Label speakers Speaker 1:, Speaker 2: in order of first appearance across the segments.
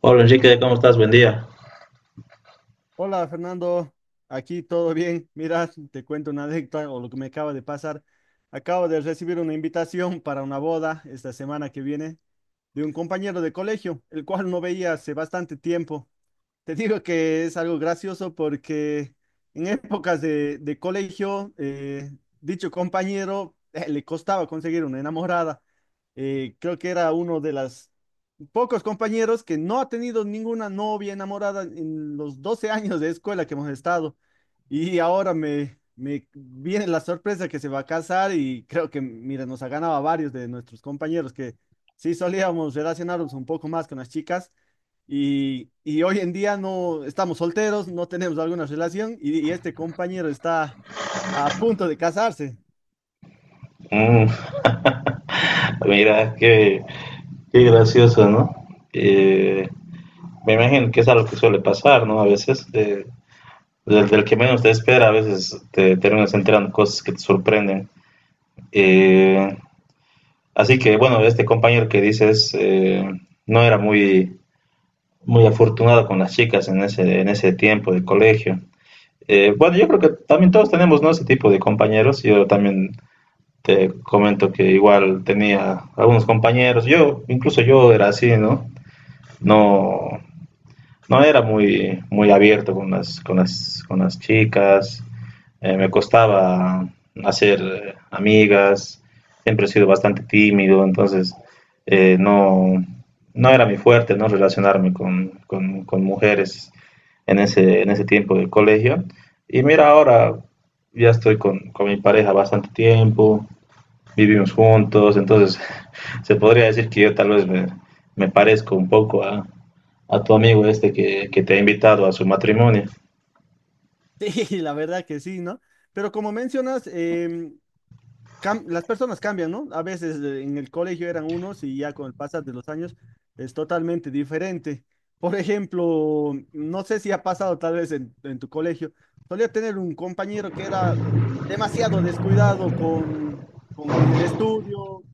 Speaker 1: Hola Enrique, ¿cómo estás? Buen día.
Speaker 2: Hola Fernando, aquí todo bien. Mira, te cuento una anécdota o lo que me acaba de pasar. Acabo de recibir una invitación para una boda esta semana que viene de un compañero de colegio, el cual no veía hace bastante tiempo. Te digo que es algo gracioso porque en épocas de colegio, dicho compañero le costaba conseguir una enamorada. Creo que era uno de las pocos compañeros que no ha tenido ninguna novia enamorada en los 12 años de escuela que hemos estado. Y ahora me viene la sorpresa que se va a casar y creo que, mira, nos ha ganado a varios de nuestros compañeros que sí solíamos relacionarnos un poco más con las chicas. Y hoy en día no estamos solteros, no tenemos alguna relación y este compañero está a punto de casarse.
Speaker 1: Mm, Mira, qué, qué gracioso, ¿no? Eh, Me imagino que es algo que suele pasar, ¿no? A veces, del que menos te espera, a veces te terminas enterando cosas que te sorprenden. Eh, Así que, bueno, este compañero que dices no era muy, muy afortunado con las chicas en ese tiempo de colegio. Bueno, yo creo que también todos tenemos, ¿no? Ese tipo de compañeros. Yo también te comento que igual tenía algunos compañeros, yo, incluso yo era así, ¿no? No, no era muy, muy abierto con las chicas, me costaba hacer amigas, siempre he sido bastante tímido, entonces no, no era mi fuerte, ¿no? Relacionarme con mujeres en ese tiempo del colegio. Y mira, ahora ya estoy con mi pareja bastante tiempo, vivimos juntos, entonces se podría decir que yo tal vez me, me parezco un poco a tu amigo este que te ha invitado a su matrimonio.
Speaker 2: Sí, la verdad que sí, ¿no? Pero como mencionas, las personas cambian, ¿no? A veces en el colegio eran unos y ya con el pasar de los años es totalmente diferente. Por ejemplo, no sé si ha pasado tal vez en tu colegio, solía tener un compañero que era demasiado descuidado en el estudio,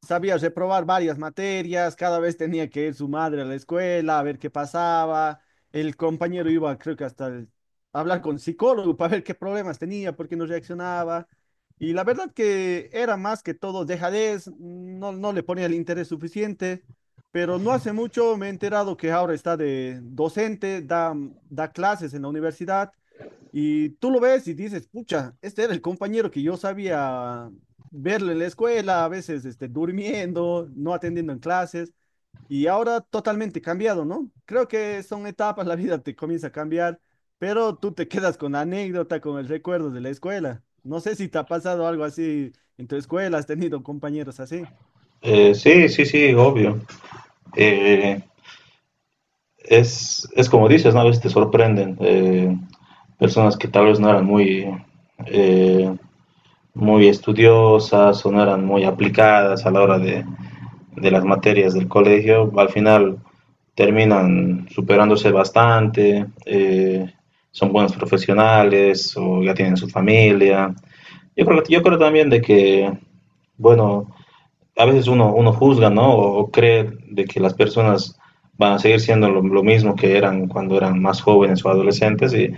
Speaker 2: sabía reprobar varias materias, cada vez tenía que ir su madre a la escuela a ver qué pasaba. El compañero iba, creo que a hablar con psicólogo para ver qué problemas tenía, por qué no reaccionaba. Y la verdad que era más que todo dejadez, no le ponía el interés suficiente, pero no hace mucho me he enterado que ahora está de docente, da clases en la universidad, y tú lo ves y dices, pucha, este era el compañero que yo sabía verlo en la escuela, a veces este, durmiendo, no atendiendo en clases. Y ahora totalmente cambiado, ¿no? Creo que son etapas, la vida te comienza a cambiar, pero tú te quedas con la anécdota, con el recuerdo de la escuela. No sé si te ha pasado algo así en tu escuela, has tenido compañeros así.
Speaker 1: Sí, sí, sí, obvio. Eh, es, como dices, ¿no? A veces te sorprenden personas que tal vez no eran muy, eh, muy estudiosas o no eran muy aplicadas a la hora de las materias del colegio, al final terminan superándose bastante, son buenos profesionales o ya tienen su familia. Yo creo también de que, bueno, a veces uno, uno juzga, ¿no? O cree de que las personas van a seguir siendo lo mismo que eran cuando eran más jóvenes o adolescentes y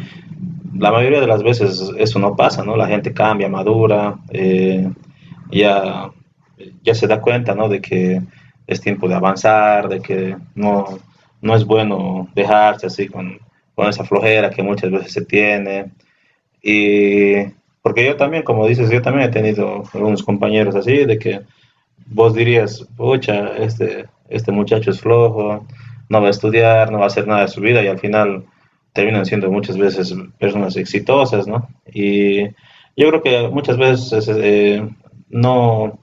Speaker 1: la mayoría de las veces eso no pasa, ¿no? La gente cambia, madura, ya, ya se da cuenta, ¿no? De que es tiempo de avanzar, de que no, no es bueno dejarse así con esa flojera que muchas veces se tiene. Y porque yo también, como dices, yo también he tenido algunos compañeros así, de que vos dirías, pucha, este muchacho es flojo, no va a estudiar, no va a hacer nada de su vida y al final terminan siendo muchas veces personas exitosas, ¿no? Y yo creo que muchas veces no,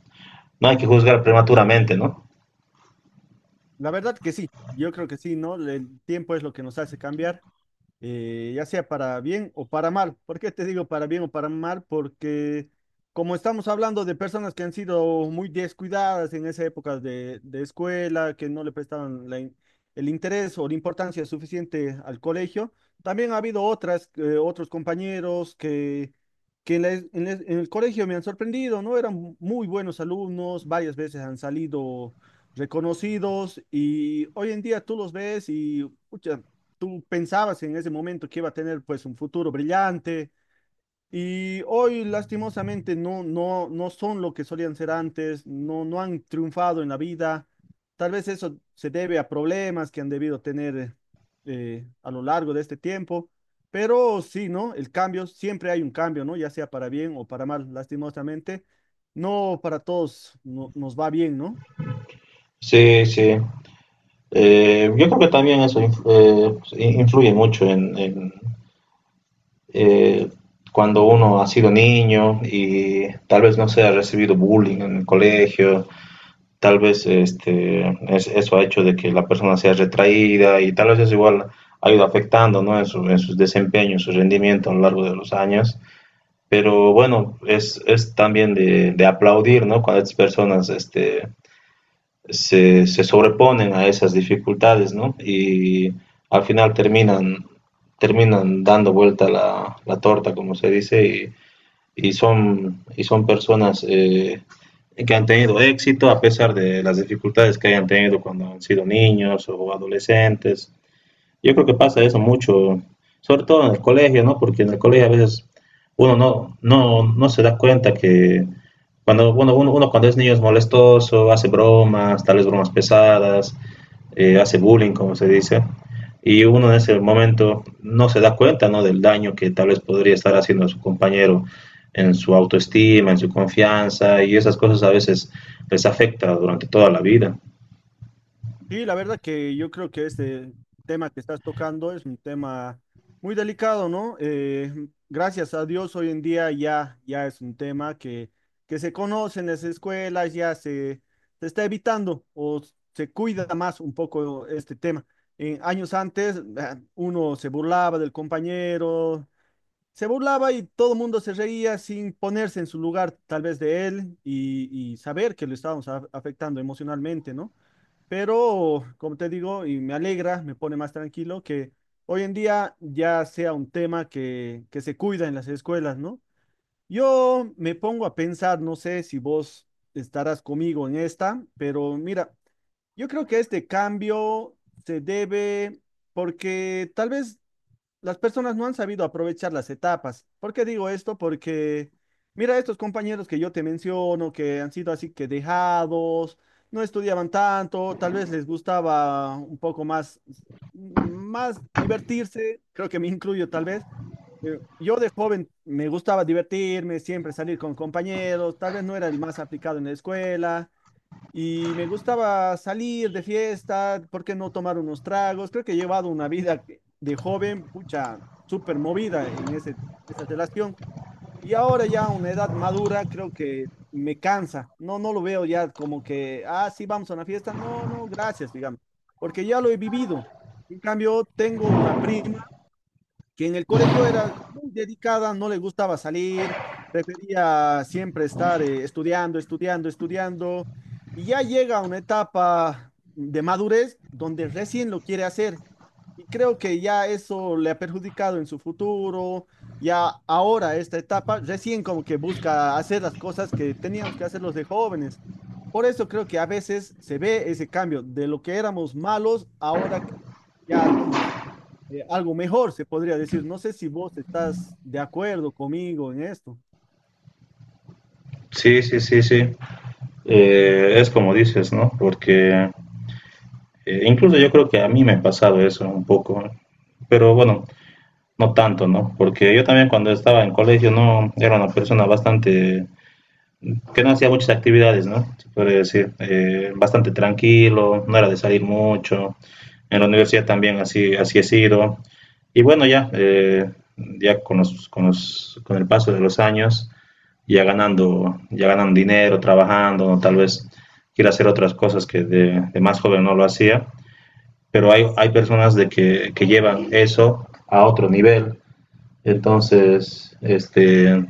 Speaker 1: no hay que juzgar prematuramente, ¿no?
Speaker 2: La verdad que sí, yo creo que sí, ¿no? El tiempo es lo que nos hace cambiar. Ya sea para bien o para mal. ¿Por qué te digo para bien o para mal? Porque como estamos hablando de personas que han sido muy descuidadas en esa época de escuela, que no le prestaban el interés o la importancia suficiente al colegio, también ha habido otras, otros compañeros que en el colegio me han sorprendido, ¿no? Eran muy buenos alumnos, varias veces han salido reconocidos y hoy en día tú los ves y pucha, tú pensabas en ese momento que iba a tener pues un futuro brillante y hoy lastimosamente no son lo que solían ser antes, no han triunfado en la vida. Tal vez eso se debe a problemas que han debido tener a lo largo de este tiempo, pero sí, ¿no? El cambio, siempre hay un cambio, ¿no? Ya sea para bien o para mal, lastimosamente. No para todos nos va bien, ¿no?
Speaker 1: Sí, sí. Yo creo que también eso influye mucho en, eh, cuando uno ha sido niño y tal vez no se ha recibido bullying en el colegio, tal vez este, es, eso ha hecho de que la persona sea retraída y tal vez eso igual ha ido afectando, ¿no? En, su, en sus desempeños, su rendimiento a lo largo de los años. Pero bueno, es también de aplaudir, ¿no? Cuando estas personas este, se, sobreponen a esas dificultades, ¿no? Y al final terminan, terminan dando vuelta la torta, como se dice, y son personas que han tenido éxito a pesar de las dificultades que hayan tenido cuando han sido niños o adolescentes. Yo creo que pasa eso mucho, sobre todo en el colegio, ¿no? Porque en el colegio a veces uno no, no, no se da cuenta que cuando bueno, uno, uno cuando es niño es molestoso, hace bromas, tal vez bromas pesadas, hace bullying, como se dice, y uno en ese momento no se da cuenta, ¿no? Del daño que tal vez podría estar haciendo a su compañero en su autoestima, en su confianza, y esas cosas a veces les afecta durante toda la vida.
Speaker 2: Sí, la verdad que yo creo que este tema que estás tocando es un tema muy delicado, ¿no? Gracias a Dios hoy en día ya es un tema que se conoce en las escuelas, se está evitando o se cuida más un poco este tema. En años antes uno se burlaba del compañero, se burlaba y todo el mundo se reía sin ponerse en su lugar tal vez de él y saber que lo estábamos afectando emocionalmente, ¿no? Pero, como te digo, y me alegra, me pone más tranquilo que hoy en día ya sea un tema que se cuida en las escuelas, ¿no? Yo me pongo a pensar, no sé si vos estarás conmigo en esta, pero mira, yo creo que este cambio se debe porque tal vez las personas no han sabido aprovechar las etapas. ¿Por qué digo esto? Porque mira estos compañeros que yo te menciono, que han sido así que dejados, no estudiaban tanto, tal vez les gustaba un poco más, más divertirse, creo que me incluyo tal vez. Yo de joven me gustaba divertirme, siempre salir con compañeros, tal vez no era el más aplicado en la escuela y me gustaba salir de fiesta, ¿por qué no tomar unos tragos? Creo que he llevado una vida de joven, pucha, súper movida en esa relación. Y ahora ya a una edad madura, creo que me cansa. No, no lo veo ya como que, ah, sí, vamos a una fiesta. No, no, gracias, digamos, porque ya lo he vivido. En cambio, tengo una prima que en el colegio era muy dedicada, no le gustaba salir, prefería siempre estar estudiando, estudiando, estudiando, y ya llega a una etapa de madurez donde recién lo quiere hacer. Y creo que ya eso le ha perjudicado en su futuro, ya ahora esta etapa, recién como que busca hacer las cosas que teníamos que hacer los de jóvenes. Por eso creo que a veces se ve ese cambio de lo que éramos malos, ahora ya somos algo mejor, se podría decir. No sé si vos estás de acuerdo conmigo en esto.
Speaker 1: Sí, sí, sí, sí. Es como dices, ¿no? Porque incluso yo creo que a mí me ha pasado eso un poco, pero bueno, no tanto, ¿no? Porque yo también cuando estaba en colegio no era una persona bastante que no hacía muchas actividades, ¿no? Se puede decir, bastante tranquilo, no era de salir mucho. En la universidad también así así he sido. Y bueno, ya ya con el paso de los años ya ganando, ya ganan dinero, trabajando, ¿no? Tal vez quiere hacer otras cosas que de más joven no lo hacía, pero hay personas de que llevan eso a otro nivel. Entonces, este,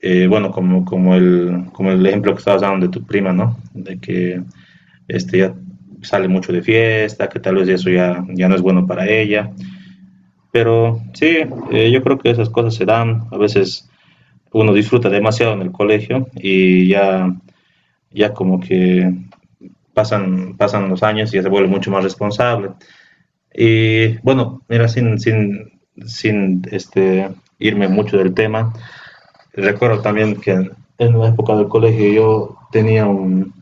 Speaker 1: bueno, como el ejemplo que estabas dando de tu prima, ¿no? De que este, ya sale mucho de fiesta, que tal vez eso ya, ya no es bueno para ella. Pero sí, yo creo que esas cosas se dan. A veces uno disfruta demasiado en el colegio y ya ya como que pasan, pasan los años y ya se vuelve mucho más responsable. Y bueno, mira, sin, sin, sin este, irme mucho del tema, recuerdo también que en la época del colegio yo tenía un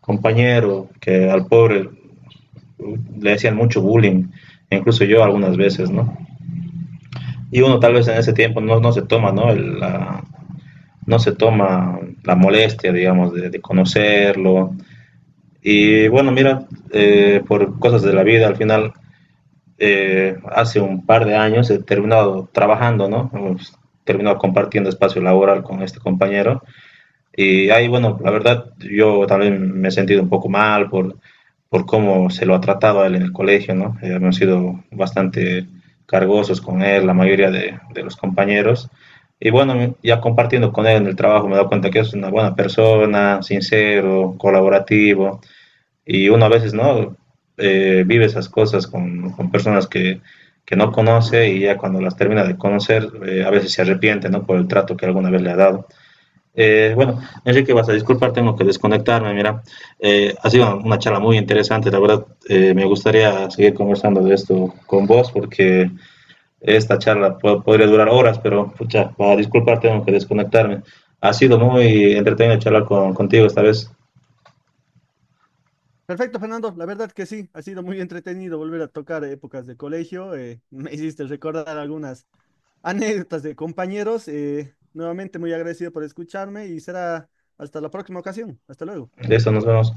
Speaker 1: compañero que al pobre le hacían mucho bullying, incluso yo algunas veces, ¿no? Y uno tal vez en ese tiempo no, no se toma, ¿no? El, la, no se toma la molestia, digamos, de conocerlo. Y bueno, mira, por cosas de la vida, al final, hace un par de años he terminado trabajando, ¿no? Hemos terminado compartiendo espacio laboral con este compañero. Y ahí, bueno, la verdad, yo también me he sentido un poco mal por cómo se lo ha tratado a él en el colegio, ¿no? Hemos sido bastante cargosos con él, la mayoría de los compañeros. Y bueno, ya compartiendo con él en el trabajo me he dado cuenta que es una buena persona, sincero, colaborativo y uno a veces no vive esas cosas con personas que no conoce y ya cuando las termina de conocer, a veces se arrepiente, ¿no? Por el trato que alguna vez le ha dado. Bueno, Enrique, vas a disculpar, tengo que desconectarme. Mira, ha sido una charla muy interesante. La verdad, me gustaría seguir conversando de esto con vos porque esta charla po podría durar horas, pero pucha, para disculpar, tengo que desconectarme. Ha sido muy entretenido charlar con, contigo esta vez.
Speaker 2: Perfecto, Fernando. La verdad que sí, ha sido muy entretenido volver a tocar épocas de colegio. Me hiciste recordar algunas anécdotas de compañeros. Nuevamente muy agradecido por escucharme y será hasta la próxima ocasión. Hasta luego.
Speaker 1: De esto nos vemos.